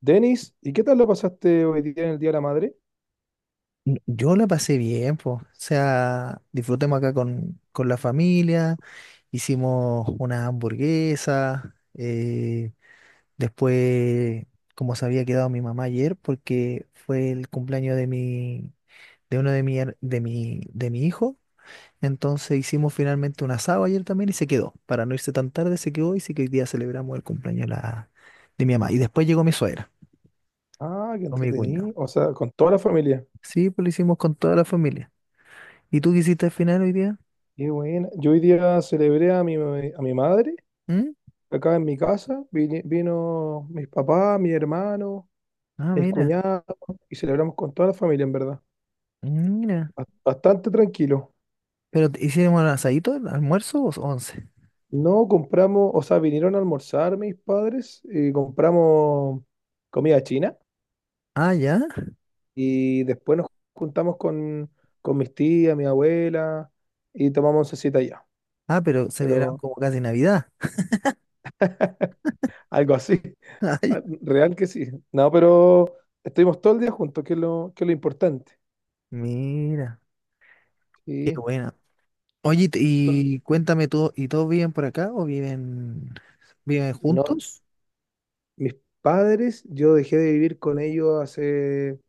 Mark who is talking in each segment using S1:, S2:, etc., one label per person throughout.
S1: Denis, ¿y qué tal lo pasaste hoy día en el Día de la Madre?
S2: Yo la pasé bien, pues. O sea, disfrutemos acá con la familia, hicimos una hamburguesa, después, como se había quedado mi mamá ayer, porque fue el cumpleaños de uno de mi, her- de mi hijo, entonces hicimos finalmente un asado ayer también y se quedó. Para no irse tan tarde, se quedó y sí que hoy día celebramos el cumpleaños de mi mamá. Y después llegó mi suegra,
S1: Ah, qué
S2: con mi cuñado.
S1: entretenido. O sea, con toda la familia.
S2: Sí, pues lo hicimos con toda la familia. ¿Y tú qué hiciste al final hoy día?
S1: Qué buena. Yo hoy día celebré a mi madre
S2: ¿Mm?
S1: acá en mi casa. Vino mis papás, mi hermano,
S2: Ah,
S1: mis
S2: mira,
S1: cuñados y celebramos con toda la familia, en verdad.
S2: mira.
S1: Bastante tranquilo.
S2: Pero hicieron un asadito, el almuerzo o once.
S1: No compramos, o sea, vinieron a almorzar mis padres y compramos comida china
S2: Ah, ya.
S1: y después nos juntamos con mis tías, mi abuela y tomamos oncecita allá.
S2: Ah, pero celebraron
S1: Pero
S2: como casi Navidad.
S1: algo así.
S2: Ay,
S1: Ah, real que sí. No, pero estuvimos todo el día juntos, que es lo importante.
S2: mira, qué
S1: Sí.
S2: buena. Oye,
S1: Bueno,
S2: y cuéntame tú, ¿y todos viven por acá o viven
S1: no,
S2: juntos?
S1: mis padres, yo dejé de vivir con ellos hace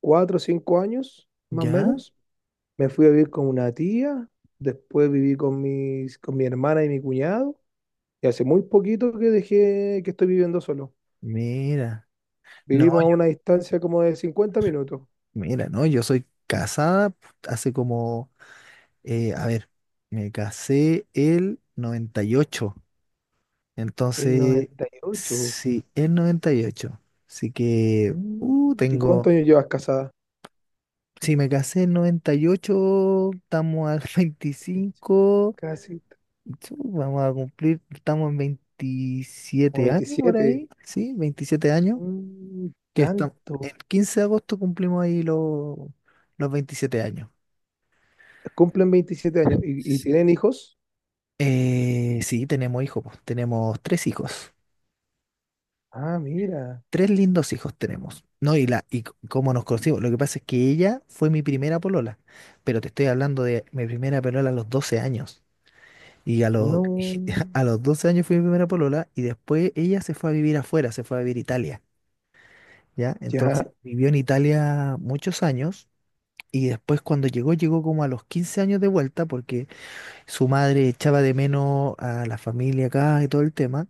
S1: cuatro o cinco años, más o
S2: Ya,
S1: menos. Me fui a vivir con una tía, después viví con mi hermana y mi cuñado, y hace muy poquito que dejé que estoy viviendo solo.
S2: mira. No,
S1: Vivimos a
S2: yo,
S1: una distancia como de cincuenta minutos.
S2: mira, no, yo soy casada hace como, a ver, me casé el 98.
S1: El
S2: Entonces,
S1: 98.
S2: sí, en 98. Así que,
S1: Mm. ¿Y cuántos años llevas casada?
S2: si me casé en 98 estamos al 25
S1: Casi
S2: chu, vamos a cumplir, estamos en
S1: como
S2: 27 años por
S1: veintisiete.
S2: ahí, sí, 27 años,
S1: Mm,
S2: que estamos,
S1: tanto.
S2: el 15 de agosto cumplimos ahí los 27 años.
S1: Cumplen veintisiete años. ¿Y tienen hijos?
S2: Sí, tenemos hijos, pues, tenemos tres hijos.
S1: Ah, mira.
S2: Tres lindos hijos tenemos, ¿no? Cómo nos conocimos. Lo que pasa es que ella fue mi primera polola, pero te estoy hablando de mi primera polola a los 12 años. Y
S1: No.
S2: a los 12 años fui mi primera polola y después ella se fue a vivir afuera, se fue a vivir a Italia, ¿ya? Entonces
S1: Ya.
S2: vivió en Italia muchos años y después cuando llegó, llegó como a los 15 años de vuelta porque su madre echaba de menos a la familia acá y todo el tema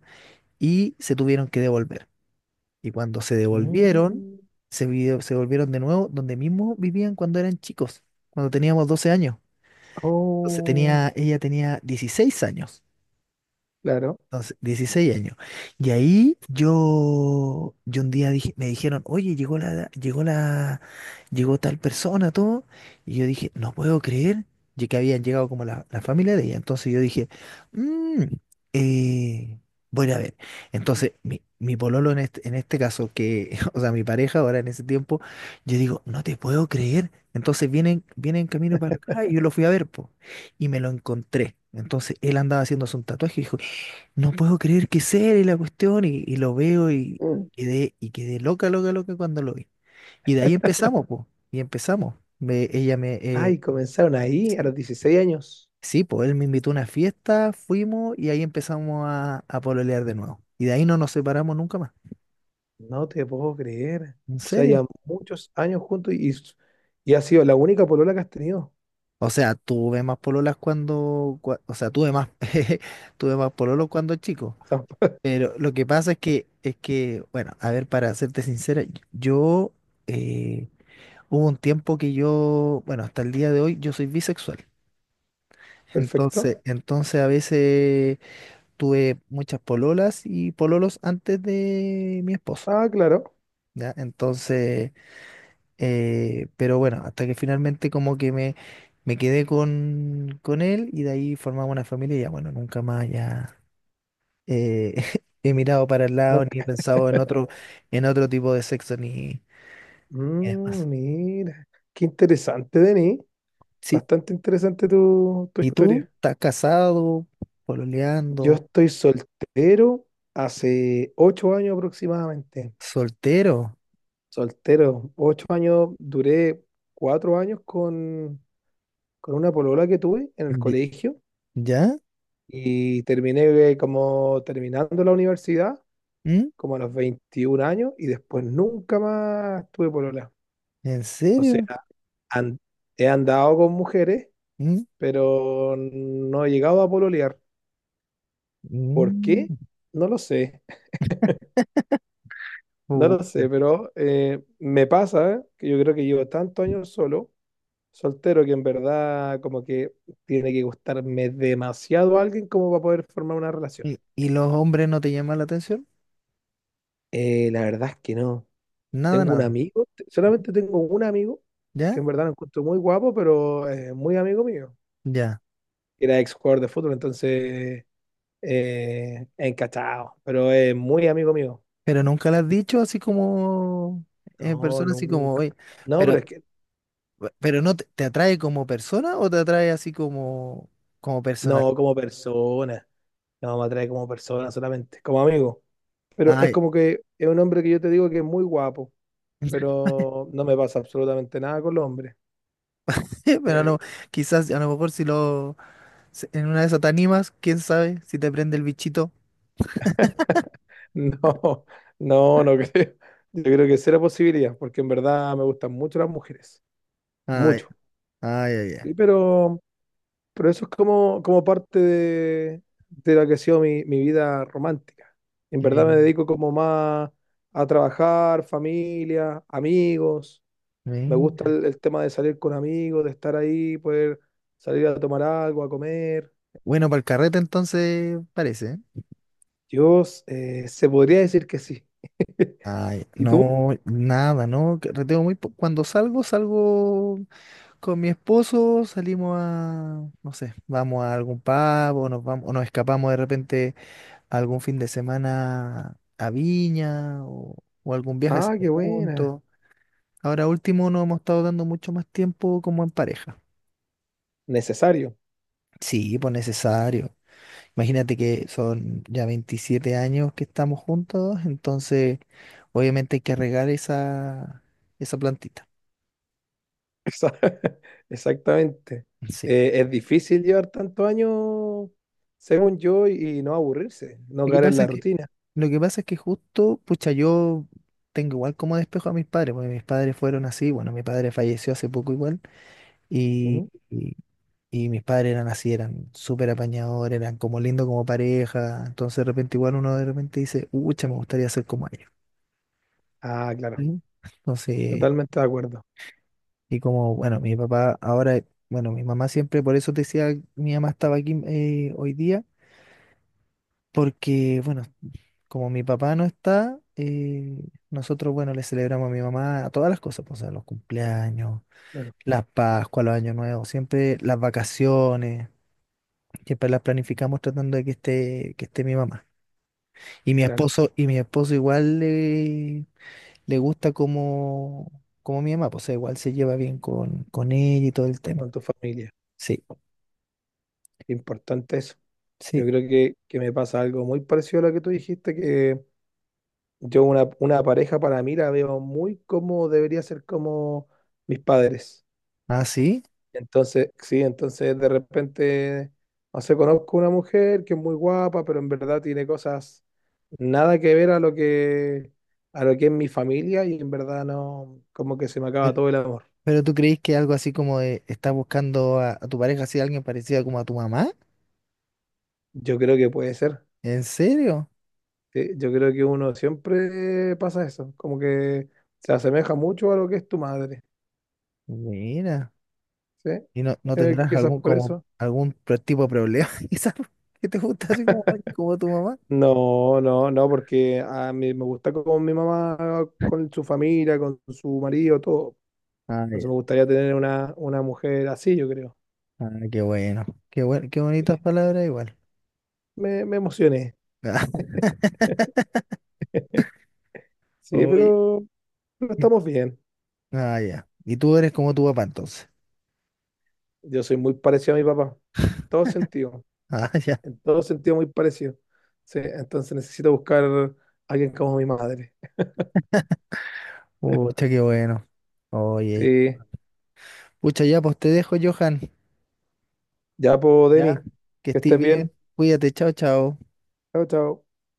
S2: y se tuvieron que devolver. Y cuando se devolvieron,
S1: Mm,
S2: se volvieron de nuevo donde mismo vivían cuando eran chicos, cuando teníamos 12 años. Entonces
S1: oh,
S2: tenía, ella tenía 16 años.
S1: claro.
S2: Entonces, 16 años. Y ahí yo un día dije, me dijeron, oye, llegó tal persona, todo. Y yo dije, no puedo creer ya que habían llegado como la familia de ella. Entonces yo dije, "Mm, eh, voy a ir a ver. Entonces, mi pololo en en este caso, que, o sea, mi pareja ahora en ese tiempo, yo digo, no te puedo creer. Entonces vienen camino para acá y yo lo fui a ver, po, y me lo encontré. Entonces él andaba haciéndose un tatuaje y dijo, no puedo creer que sea y la cuestión, y lo veo y
S1: Mm.
S2: y quedé loca, loca, loca cuando lo vi. Y de ahí empezamos, pues, y empezamos.
S1: Ay, comenzaron ahí a
S2: Sí,
S1: los dieciséis años.
S2: sí, pues él me invitó a una fiesta, fuimos y ahí empezamos a pololear de nuevo. Y de ahí no nos separamos nunca más.
S1: No te puedo creer.
S2: ¿En
S1: O sea,
S2: serio?
S1: ya muchos años juntos y ha sido la única polola que has tenido.
S2: O sea, tuve más pololas o sea, tuve más, tuve más pololos cuando chico.
S1: Ah,
S2: Pero lo que pasa es es que, bueno, a ver, para serte sincera, yo... eh, hubo un tiempo que yo, bueno, hasta el día de hoy yo soy bisexual.
S1: perfecto.
S2: Entonces a veces tuve muchas pololas y pololos antes de mi esposo,
S1: Ah, claro.
S2: ¿ya? Entonces, pero bueno, hasta que finalmente como que me quedé con él y de ahí formamos una familia y ya, bueno, nunca más ya eh, he mirado para el
S1: No.
S2: lado ni he pensado en otro tipo de sexo ni, ni demás.
S1: Mira, qué interesante, Denis.
S2: Sí.
S1: Bastante interesante tu
S2: ¿Y tú?
S1: historia.
S2: ¿Estás casado?
S1: Yo
S2: ¿Pololeando?
S1: estoy soltero hace ocho años aproximadamente.
S2: Soltero.
S1: Soltero, ocho años, duré cuatro años con una polola que tuve en el
S2: Ye-
S1: colegio
S2: ¿Ya?
S1: y terminé, como terminando la universidad,
S2: ¿Mm?
S1: como a los 21 años y después nunca más tuve polola.
S2: ¿En
S1: O sea,
S2: serio?
S1: an- he andado con mujeres,
S2: ¿Mm?
S1: pero no he llegado a pololear. ¿Por qué?
S2: Mm.
S1: No lo sé. No
S2: Pu-
S1: lo sé, pero me pasa que yo creo que llevo tantos años solo, soltero, que en verdad como que tiene que gustarme demasiado a alguien como para poder formar una relación.
S2: y los hombres no te llaman la atención?
S1: La verdad es que no.
S2: Nada,
S1: Tengo un
S2: nada.
S1: amigo, solamente tengo un amigo, que
S2: ¿Ya?
S1: en verdad lo encuentro muy guapo, pero muy amigo mío.
S2: Ya.
S1: Era ex jugador de fútbol, entonces encachado, pero es muy amigo mío.
S2: Pero nunca lo has dicho así como en
S1: No,
S2: persona, así como
S1: nunca.
S2: hoy.
S1: No, pero es
S2: Pero,
S1: que
S2: pero no te atrae como persona o te atrae así como, como personal.
S1: no como persona. No, me atrae como persona solamente, como amigo. Pero es
S2: Ay,
S1: como que es un hombre que yo te digo que es muy guapo, pero no me pasa absolutamente nada con los hombres.
S2: pero
S1: Eh,
S2: quizás a lo mejor si lo si- en una de esas te animas, quién sabe si te prende el bichito.
S1: no, no, no creo. Yo creo que será posibilidad, porque en verdad me gustan mucho las mujeres,
S2: Ay,
S1: mucho.
S2: ay, ay, ay.
S1: Sí, pero eso es como, como parte de lo que ha sido mi vida romántica. En verdad me
S2: Mi-
S1: dedico como más a trabajar, familia, amigos. Me gusta
S2: mi-
S1: el tema de salir con amigos, de estar ahí, poder salir a tomar algo, a comer.
S2: Bueno, para el carrete entonces parece.
S1: Yo, se podría decir que sí.
S2: Ay,
S1: ¿Y tú?
S2: no, nada, no, carreteo muy cuando salgo, salgo con mi esposo, salimos a, no sé, vamos a algún pub o nos vamos, o nos escapamos de repente algún fin de semana a Viña o algún viaje
S1: Ah,
S2: hacemos
S1: qué buena.
S2: juntos. Ahora último nos hemos estado dando mucho más tiempo como en pareja.
S1: Necesario.
S2: Sí, pues necesario. Imagínate que son ya 27 años que estamos juntos, entonces obviamente hay que regar esa, esa plantita.
S1: Esa- Exactamente.
S2: Sí.
S1: Es difícil llevar tantos años, según yo, y no aburrirse, no
S2: Lo que
S1: caer en
S2: pasa
S1: la
S2: es que,
S1: rutina.
S2: lo que pasa es que justo, pucha, yo tengo igual como despejo a mis padres, porque mis padres fueron así, bueno, mi padre falleció hace poco igual, y,
S1: Ujú.
S2: y, y mis padres eran así, eran súper apañadores, eran como lindos como pareja, entonces de repente igual uno de repente dice, ucha, me gustaría ser como ellos.
S1: Ah, claro.
S2: ¿Sí? Entonces.
S1: Totalmente de acuerdo.
S2: Y como, bueno, mi papá ahora, bueno, mi mamá siempre, por eso te decía, mi mamá estaba aquí hoy día, porque, bueno, como mi papá no está, nosotros, bueno, le celebramos a mi mamá a todas las cosas, pues, a los cumpleaños,
S1: Claro,
S2: las Pascuas, los Años Nuevos, siempre las vacaciones, siempre las planificamos tratando de que esté mi mamá.
S1: claro.
S2: Y mi esposo igual le gusta como, como mi mamá, pues, o sea, igual se lleva bien con ella y todo el tema.
S1: Con tu familia.
S2: Sí.
S1: Importante eso. Yo
S2: Sí,
S1: creo que me pasa algo muy parecido a lo que tú dijiste, que yo una pareja para mí la veo muy como debería ser como mis padres.
S2: ah, sí.
S1: Entonces, sí, entonces de repente, no sé, conozco una mujer que es muy guapa, pero en verdad tiene cosas nada que ver a lo que es mi familia y en verdad no, como que se me acaba
S2: Pero,
S1: todo el amor.
S2: pero tú crees que algo así como de estás buscando a tu pareja, así alguien parecida como a tu mamá?
S1: Yo creo que puede ser.
S2: ¿En serio?
S1: Sí, yo creo que uno siempre pasa eso, como que se asemeja mucho a lo que es tu madre,
S2: Mira.
S1: ¿sí?
S2: ¿Y no, no tendrás
S1: Quizás
S2: algún
S1: por
S2: como
S1: eso.
S2: algún tipo de problema quizás que te gusta así como alguien como tu mamá?
S1: No, no, no, porque a mí me gusta con mi mamá, con su familia, con su marido, todo.
S2: Ah,
S1: Entonces
S2: ya.
S1: me gustaría tener una mujer así, yo creo.
S2: Ah, qué bueno. Qué bueno, qué
S1: Sí.
S2: bonitas palabras igual.
S1: Me emocioné,
S2: Ah,
S1: sí,
S2: oye,
S1: pero
S2: y-
S1: estamos bien.
S2: ah, ya. Y tú eres como tu papá entonces.
S1: Yo soy muy parecido a mi papá, todo sentido,
S2: Ah, ya.
S1: en todo sentido muy parecido. Sí, entonces necesito buscar a alguien como mi madre.
S2: Pucha, qué bueno. Oye.
S1: Sí,
S2: Pucha, ya, pues te dejo, Johan.
S1: ya pues, Denis,
S2: Ya. Que
S1: que
S2: estés
S1: estés bien.
S2: bien. Cuídate, chao, chao.
S1: Chao, chao.